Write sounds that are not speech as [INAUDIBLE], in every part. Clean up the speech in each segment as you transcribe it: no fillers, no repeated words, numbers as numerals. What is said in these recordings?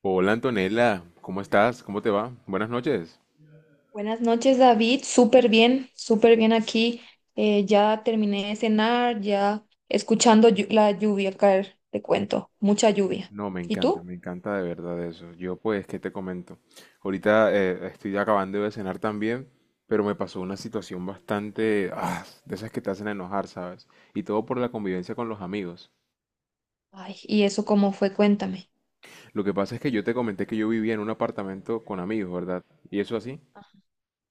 Hola Antonella, ¿cómo estás? ¿Cómo te va? Buenas noches. Buenas noches, David. Súper bien aquí. Ya terminé de cenar, ya escuchando la lluvia caer, te cuento. Mucha lluvia. No, ¿Y tú? me encanta de verdad eso. Yo pues, ¿qué te comento? Ahorita estoy acabando de cenar también, pero me pasó una situación bastante, de esas que te hacen enojar, ¿sabes? Y todo por la convivencia con los amigos. Ay, ¿y eso cómo fue? Cuéntame. Lo que pasa es que yo te comenté que yo vivía en un apartamento con amigos, ¿verdad? ¿Y eso así? Ajá.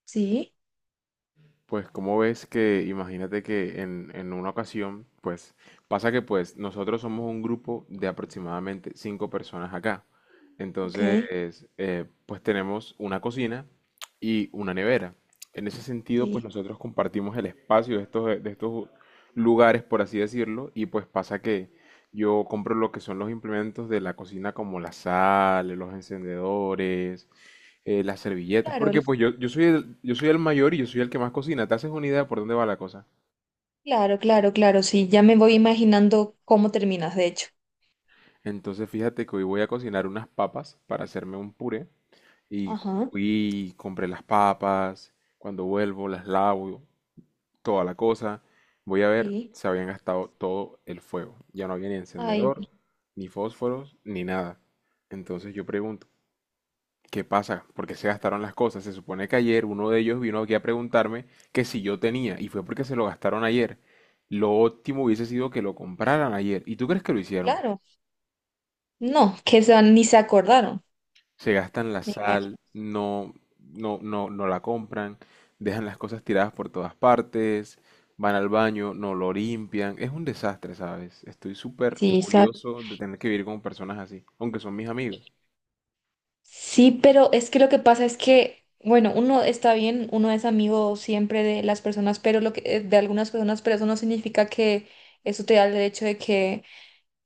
Sí, Pues como ves que, imagínate que en una ocasión, pues pasa que pues nosotros somos un grupo de aproximadamente cinco personas acá. ok, Entonces, pues tenemos una cocina y una nevera. En ese sentido, sí. pues nosotros compartimos el espacio de estos lugares, por así decirlo, y pues pasa que yo compro lo que son los implementos de la cocina como la sal, los encendedores, las servilletas, Claro, porque pues yo soy el mayor y yo soy el que más cocina. ¿Te haces una idea por dónde va la cosa? claro, claro, claro, sí. Ya me voy imaginando cómo terminas, de hecho. Entonces fíjate que hoy voy a cocinar unas papas para hacerme un puré y Ajá, fui, compré las papas, cuando vuelvo las lavo, toda la cosa. Voy a ver, sí. se habían gastado todo el fuego. Ya no había ni Ay, encendedor, ni fósforos, ni nada. Entonces yo pregunto, ¿qué pasa? ¿Por qué se gastaron las cosas? Se supone que ayer uno de ellos vino aquí a preguntarme que si yo tenía, y fue porque se lo gastaron ayer. Lo óptimo hubiese sido que lo compraran ayer. ¿Y tú crees que lo hicieron? claro. No, ni se acordaron, Se gastan la me imagino. sal, no la compran, dejan las cosas tiradas por todas partes, van al baño, no lo limpian. Es un desastre, ¿sabes? Estoy súper Sí, ¿sabes? furioso de tener que vivir con personas así, aunque son mis amigos. Sí, pero es que lo que pasa es que, bueno, uno está bien, uno es amigo siempre de las personas, pero lo que, de algunas personas, pero eso no significa que eso te da el derecho de que,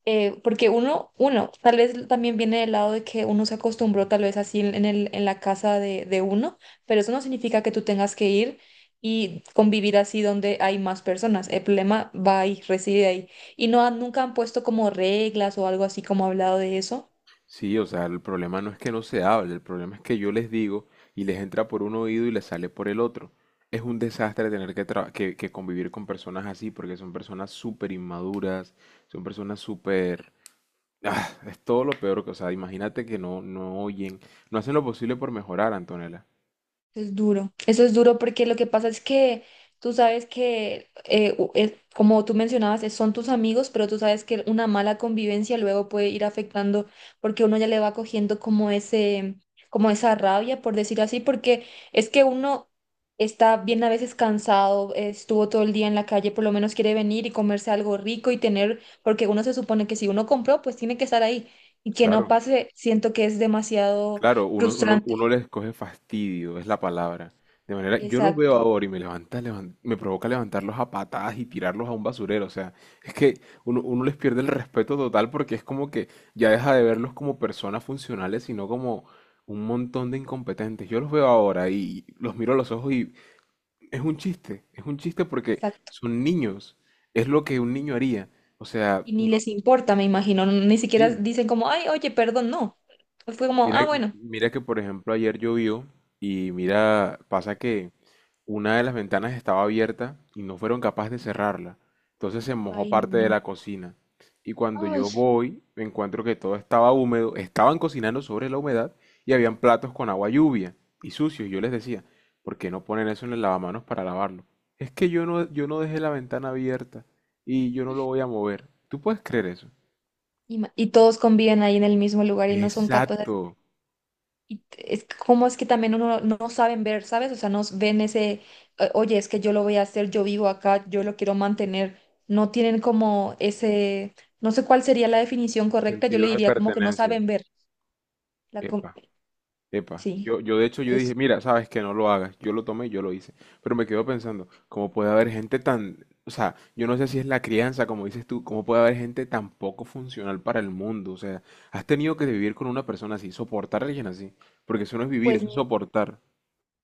porque uno, tal vez también viene del lado de que uno se acostumbró tal vez así en en la casa de uno, pero eso no significa que tú tengas que ir y convivir así donde hay más personas. El problema va ahí, reside ahí. Y nunca han puesto como reglas o algo así como hablado de eso. Sí, o sea, el problema no es que no se hable, el problema es que yo les digo y les entra por un oído y les sale por el otro. Es un desastre tener que convivir con personas así porque son personas súper inmaduras, son personas súper... Ah, es todo lo peor que, o sea, imagínate que no, no oyen, no hacen lo posible por mejorar, Antonella. Es duro, eso es duro porque lo que pasa es que tú sabes que, como tú mencionabas, son tus amigos, pero tú sabes que una mala convivencia luego puede ir afectando porque uno ya le va cogiendo como ese, como esa rabia, por decir así, porque es que uno está bien a veces cansado, estuvo todo el día en la calle, por lo menos quiere venir y comerse algo rico y tener, porque uno se supone que si uno compró, pues tiene que estar ahí y que no Claro. pase, siento que es demasiado Claro, uno, uno, frustrante. uno les coge fastidio, es la palabra. De manera, yo los veo Exacto, ahora y me me provoca levantarlos a patadas y tirarlos a un basurero. O sea, es que uno les pierde el respeto total porque es como que ya deja de verlos como personas funcionales, sino como un montón de incompetentes. Yo los veo ahora y los miro a los ojos y es un chiste porque exacto. son niños, es lo que un niño haría. O sea, Y ni no, les importa, me imagino. Ni siquiera sí. dicen como, ay, oye, perdón, no. Fue como, Mira, ah, bueno. mira que por ejemplo ayer llovió y mira, pasa que una de las ventanas estaba abierta y no fueron capaces de cerrarla. Entonces se mojó Ay, parte de no. la cocina. Y cuando Ay. yo voy, me encuentro que todo estaba húmedo, estaban cocinando sobre la humedad y habían platos con agua lluvia y sucios. Yo les decía, ¿por qué no ponen eso en el lavamanos para lavarlo? Es que yo no dejé la ventana abierta y yo no lo voy a mover. ¿Tú puedes creer eso? Y, y todos conviven ahí en el mismo lugar y no son capaces. Exacto. Y es como es que también uno no, no saben ver, ¿sabes? O sea, no ven ese, oye, es que yo lo voy a hacer, yo vivo acá, yo lo quiero mantener." No tienen como ese, no sé cuál sería la definición correcta, yo le Sentido de diría como que no pertenencia. saben ver. La, com- Epa. Epa, sí, yo de hecho yo dije, es mira, sabes que no lo hagas, yo lo tomé y yo lo hice, pero me quedo pensando, ¿cómo puede haber gente tan, o sea, yo no sé si es la crianza, como dices tú, cómo puede haber gente tan poco funcional para el mundo? O sea, has tenido que vivir con una persona así, soportar a alguien así, porque eso no es vivir, pues. eso es soportar.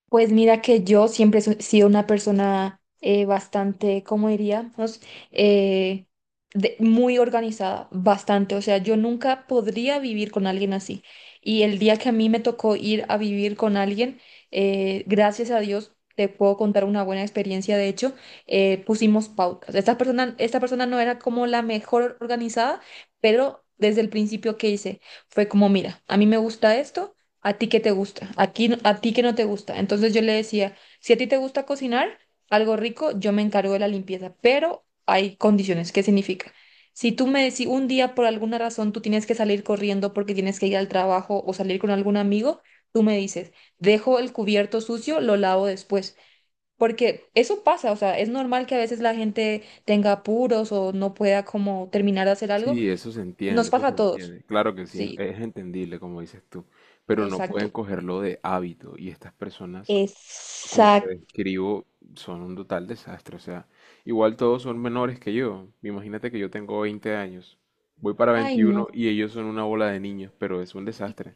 Pues mira que yo siempre he sido una persona bastante, ¿cómo diríamos? Eh, muy organizada, bastante. O sea, yo nunca podría vivir con alguien así. Y el día que a mí me tocó ir a vivir con alguien, gracias a Dios, te puedo contar una buena experiencia. De hecho, pusimos pautas. Esta persona no era como la mejor organizada, pero desde el principio que hice fue como, mira, a mí me gusta esto. ¿A ti qué te gusta? ¿A a ti qué no te gusta? Entonces yo le decía, si a ti te gusta cocinar algo rico, yo me encargo de la limpieza, pero hay condiciones. ¿Qué significa? Si tú me decís un día por alguna razón tú tienes que salir corriendo porque tienes que ir al trabajo o salir con algún amigo, tú me dices, dejo el cubierto sucio, lo lavo después. Porque eso pasa, o sea, es normal que a veces la gente tenga apuros o no pueda como terminar de hacer algo. Sí, Nos eso pasa se a todos. entiende, claro que sí, Sí, es entendible, como dices tú, pero no pueden exacto. cogerlo de hábito y estas personas como te describo, son un total desastre. O sea, igual todos son menores que yo. Imagínate que yo tengo 20 años, voy para Ay, no. 21 y ellos son una bola de niños, pero es un y- desastre.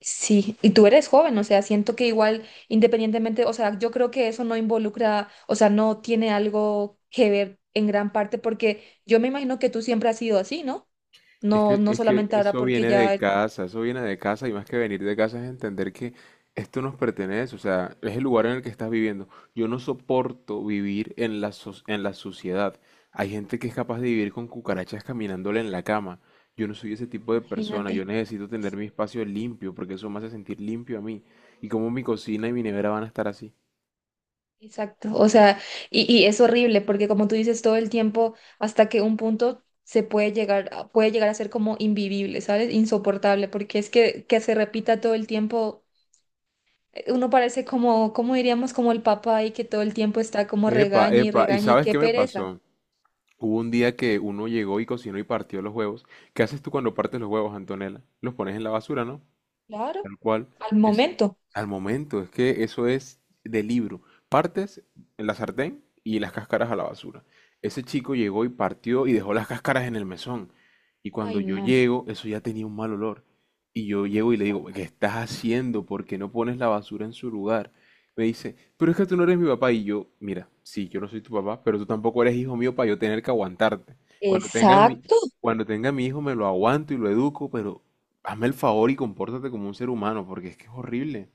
Sí, y tú eres joven, o sea, siento que igual, independientemente, o sea, yo creo que eso no involucra, o sea, no tiene algo que ver en gran parte, porque yo me imagino que tú siempre has sido así, ¿no? No, no Es que solamente ahora eso porque viene de ya, casa, eso viene de casa y más que venir de casa es entender que esto nos pertenece, o sea, es el lugar en el que estás viviendo. Yo no soporto vivir en en la suciedad. Hay gente que es capaz de vivir con cucarachas caminándole en la cama. Yo no soy ese tipo de persona, imagínate, yo necesito tener mi espacio limpio porque eso me hace sentir limpio a mí. Y como mi cocina y mi nevera van a estar así. exacto, o sea, y es horrible porque como tú dices todo el tiempo, hasta que un punto se puede llegar, puede llegar a ser como invivible, ¿sabes? Insoportable, porque es que se repita todo el tiempo. Uno parece como, como diríamos? Como el papá y que todo el tiempo está como Epa, regaña y epa, ¿y regaña y sabes qué qué me pereza. pasó? Hubo un día que uno llegó y cocinó y partió los huevos. ¿Qué haces tú cuando partes los huevos, Antonella? Los pones en la basura, ¿no? Claro, Tal cual. al Es momento. al momento, es que eso es de libro. Partes en la sartén y las cáscaras a la basura. Ese chico llegó y partió y dejó las cáscaras en el mesón. Y cuando Ay, yo no. llego, eso ya tenía un mal olor. Y yo llego y le digo, ¿qué estás haciendo? ¿Por qué no pones la basura en su lugar? Me dice, pero es que tú no eres mi papá. Y yo, mira, sí, yo no soy tu papá, pero tú tampoco eres hijo mío para yo tener que aguantarte. Cuando tenga mi, Exacto. cuando tenga mi hijo me lo aguanto y lo educo, pero hazme el favor y compórtate como un ser humano, porque es que es horrible.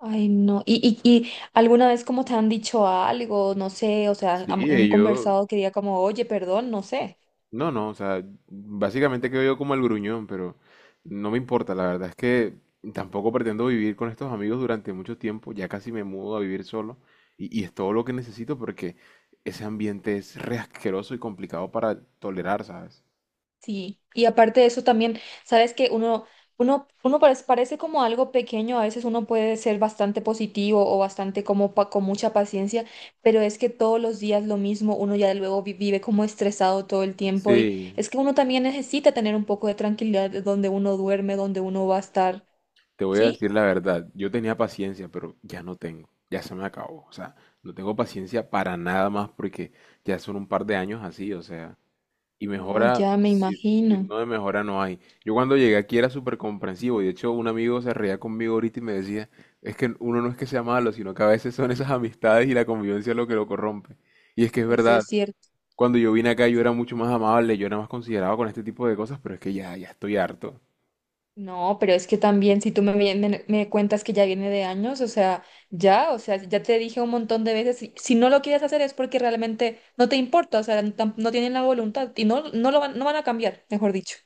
Ay, no. ¿Y, y alguna vez como te han dicho algo? No sé, o sea, Sí, han yo, conversado que diga como, oye, perdón, no sé. no, no, o sea, básicamente quedo yo como el gruñón, pero no me importa, la verdad es que tampoco pretendo vivir con estos amigos durante mucho tiempo, ya casi me mudo a vivir solo, y es todo lo que necesito porque ese ambiente es re asqueroso y complicado para tolerar, ¿sabes? Sí, y aparte de eso también, sabes que uno parece, parece como algo pequeño, a veces uno puede ser bastante positivo o bastante como con mucha paciencia, pero es que todos los días lo mismo, uno ya luego vive como estresado todo el tiempo y Sí, es que uno también necesita tener un poco de tranquilidad de donde uno duerme, donde uno va a estar, te voy a ¿sí? decir la verdad, yo tenía paciencia, pero ya no tengo, ya se me acabó. O sea, no tengo paciencia para nada más porque ya son un par de años así, o sea, y No, mejora, ya me si, si imagino, no de mejora no hay. Yo cuando llegué aquí era súper comprensivo, y de hecho un amigo se reía conmigo ahorita y me decía, es que uno no es que sea malo, sino que a veces son esas amistades y la convivencia lo que lo corrompe. Y es que es eso verdad, es cierto. cuando yo vine acá yo era mucho más amable, yo era más considerado con este tipo de cosas, pero es que ya estoy harto. No, pero es que también si tú me cuentas que ya viene de años, o sea, ya te dije un montón de veces, si no lo quieres hacer es porque realmente no te importa, o sea, no, no tienen la voluntad y no lo van, no van a cambiar, mejor dicho.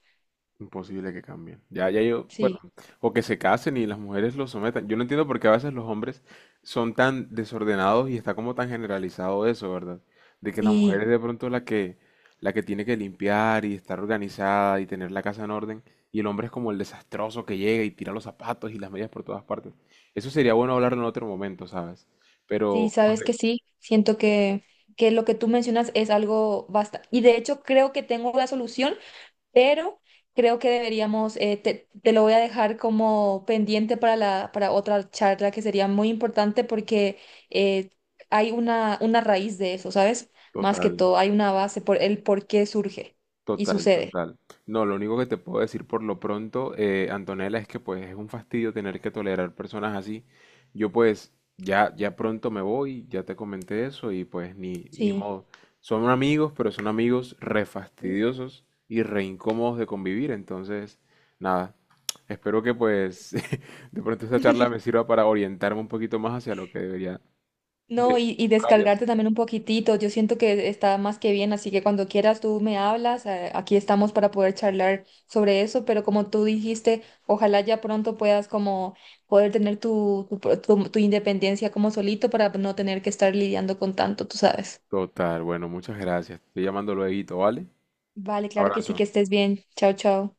Imposible que cambien. Sí, O que se casen y las mujeres los sometan. Yo no entiendo por qué a veces los hombres son tan desordenados y está como tan generalizado eso, ¿verdad? De que la mujer sí, es de pronto la que tiene que limpiar y estar organizada y tener la casa en orden, y el hombre es como el desastroso que llega y tira los zapatos y las medias por todas partes. Eso sería bueno hablarlo en otro momento, ¿sabes? sí, Pero, pues, sabes que sí, siento que lo que tú mencionas es algo basta y de hecho creo que tengo la solución, pero creo que deberíamos, te lo voy a dejar como pendiente para para otra charla que sería muy importante porque eh, hay una raíz de eso, ¿sabes? Más que total. todo, hay una base por el por qué surge y sucede. Total. No, lo único que te puedo decir por lo pronto, Antonella, es que pues es un fastidio tener que tolerar personas así. Yo pues ya, ya pronto me voy, ya te comenté eso y pues ni, ni Sí. modo. Son amigos, pero son amigos re fastidiosos y re incómodos de convivir. Entonces, nada, espero que pues [LAUGHS] de pronto esta charla me [LAUGHS] sirva para orientarme un poquito más hacia lo que debería de No, y buscar y descargarte hacer. también un poquitito. Yo siento que está más que bien, así que cuando quieras tú me hablas. Aquí estamos para poder charlar sobre eso, pero como tú dijiste, ojalá ya pronto puedas como poder tener tu independencia como solito para no tener que estar lidiando con tanto, tú sabes. Total, bueno, muchas gracias. Estoy llamando luego, ¿vale? Vale, claro que sí, Abrazo. que estés bien. Chao, chao.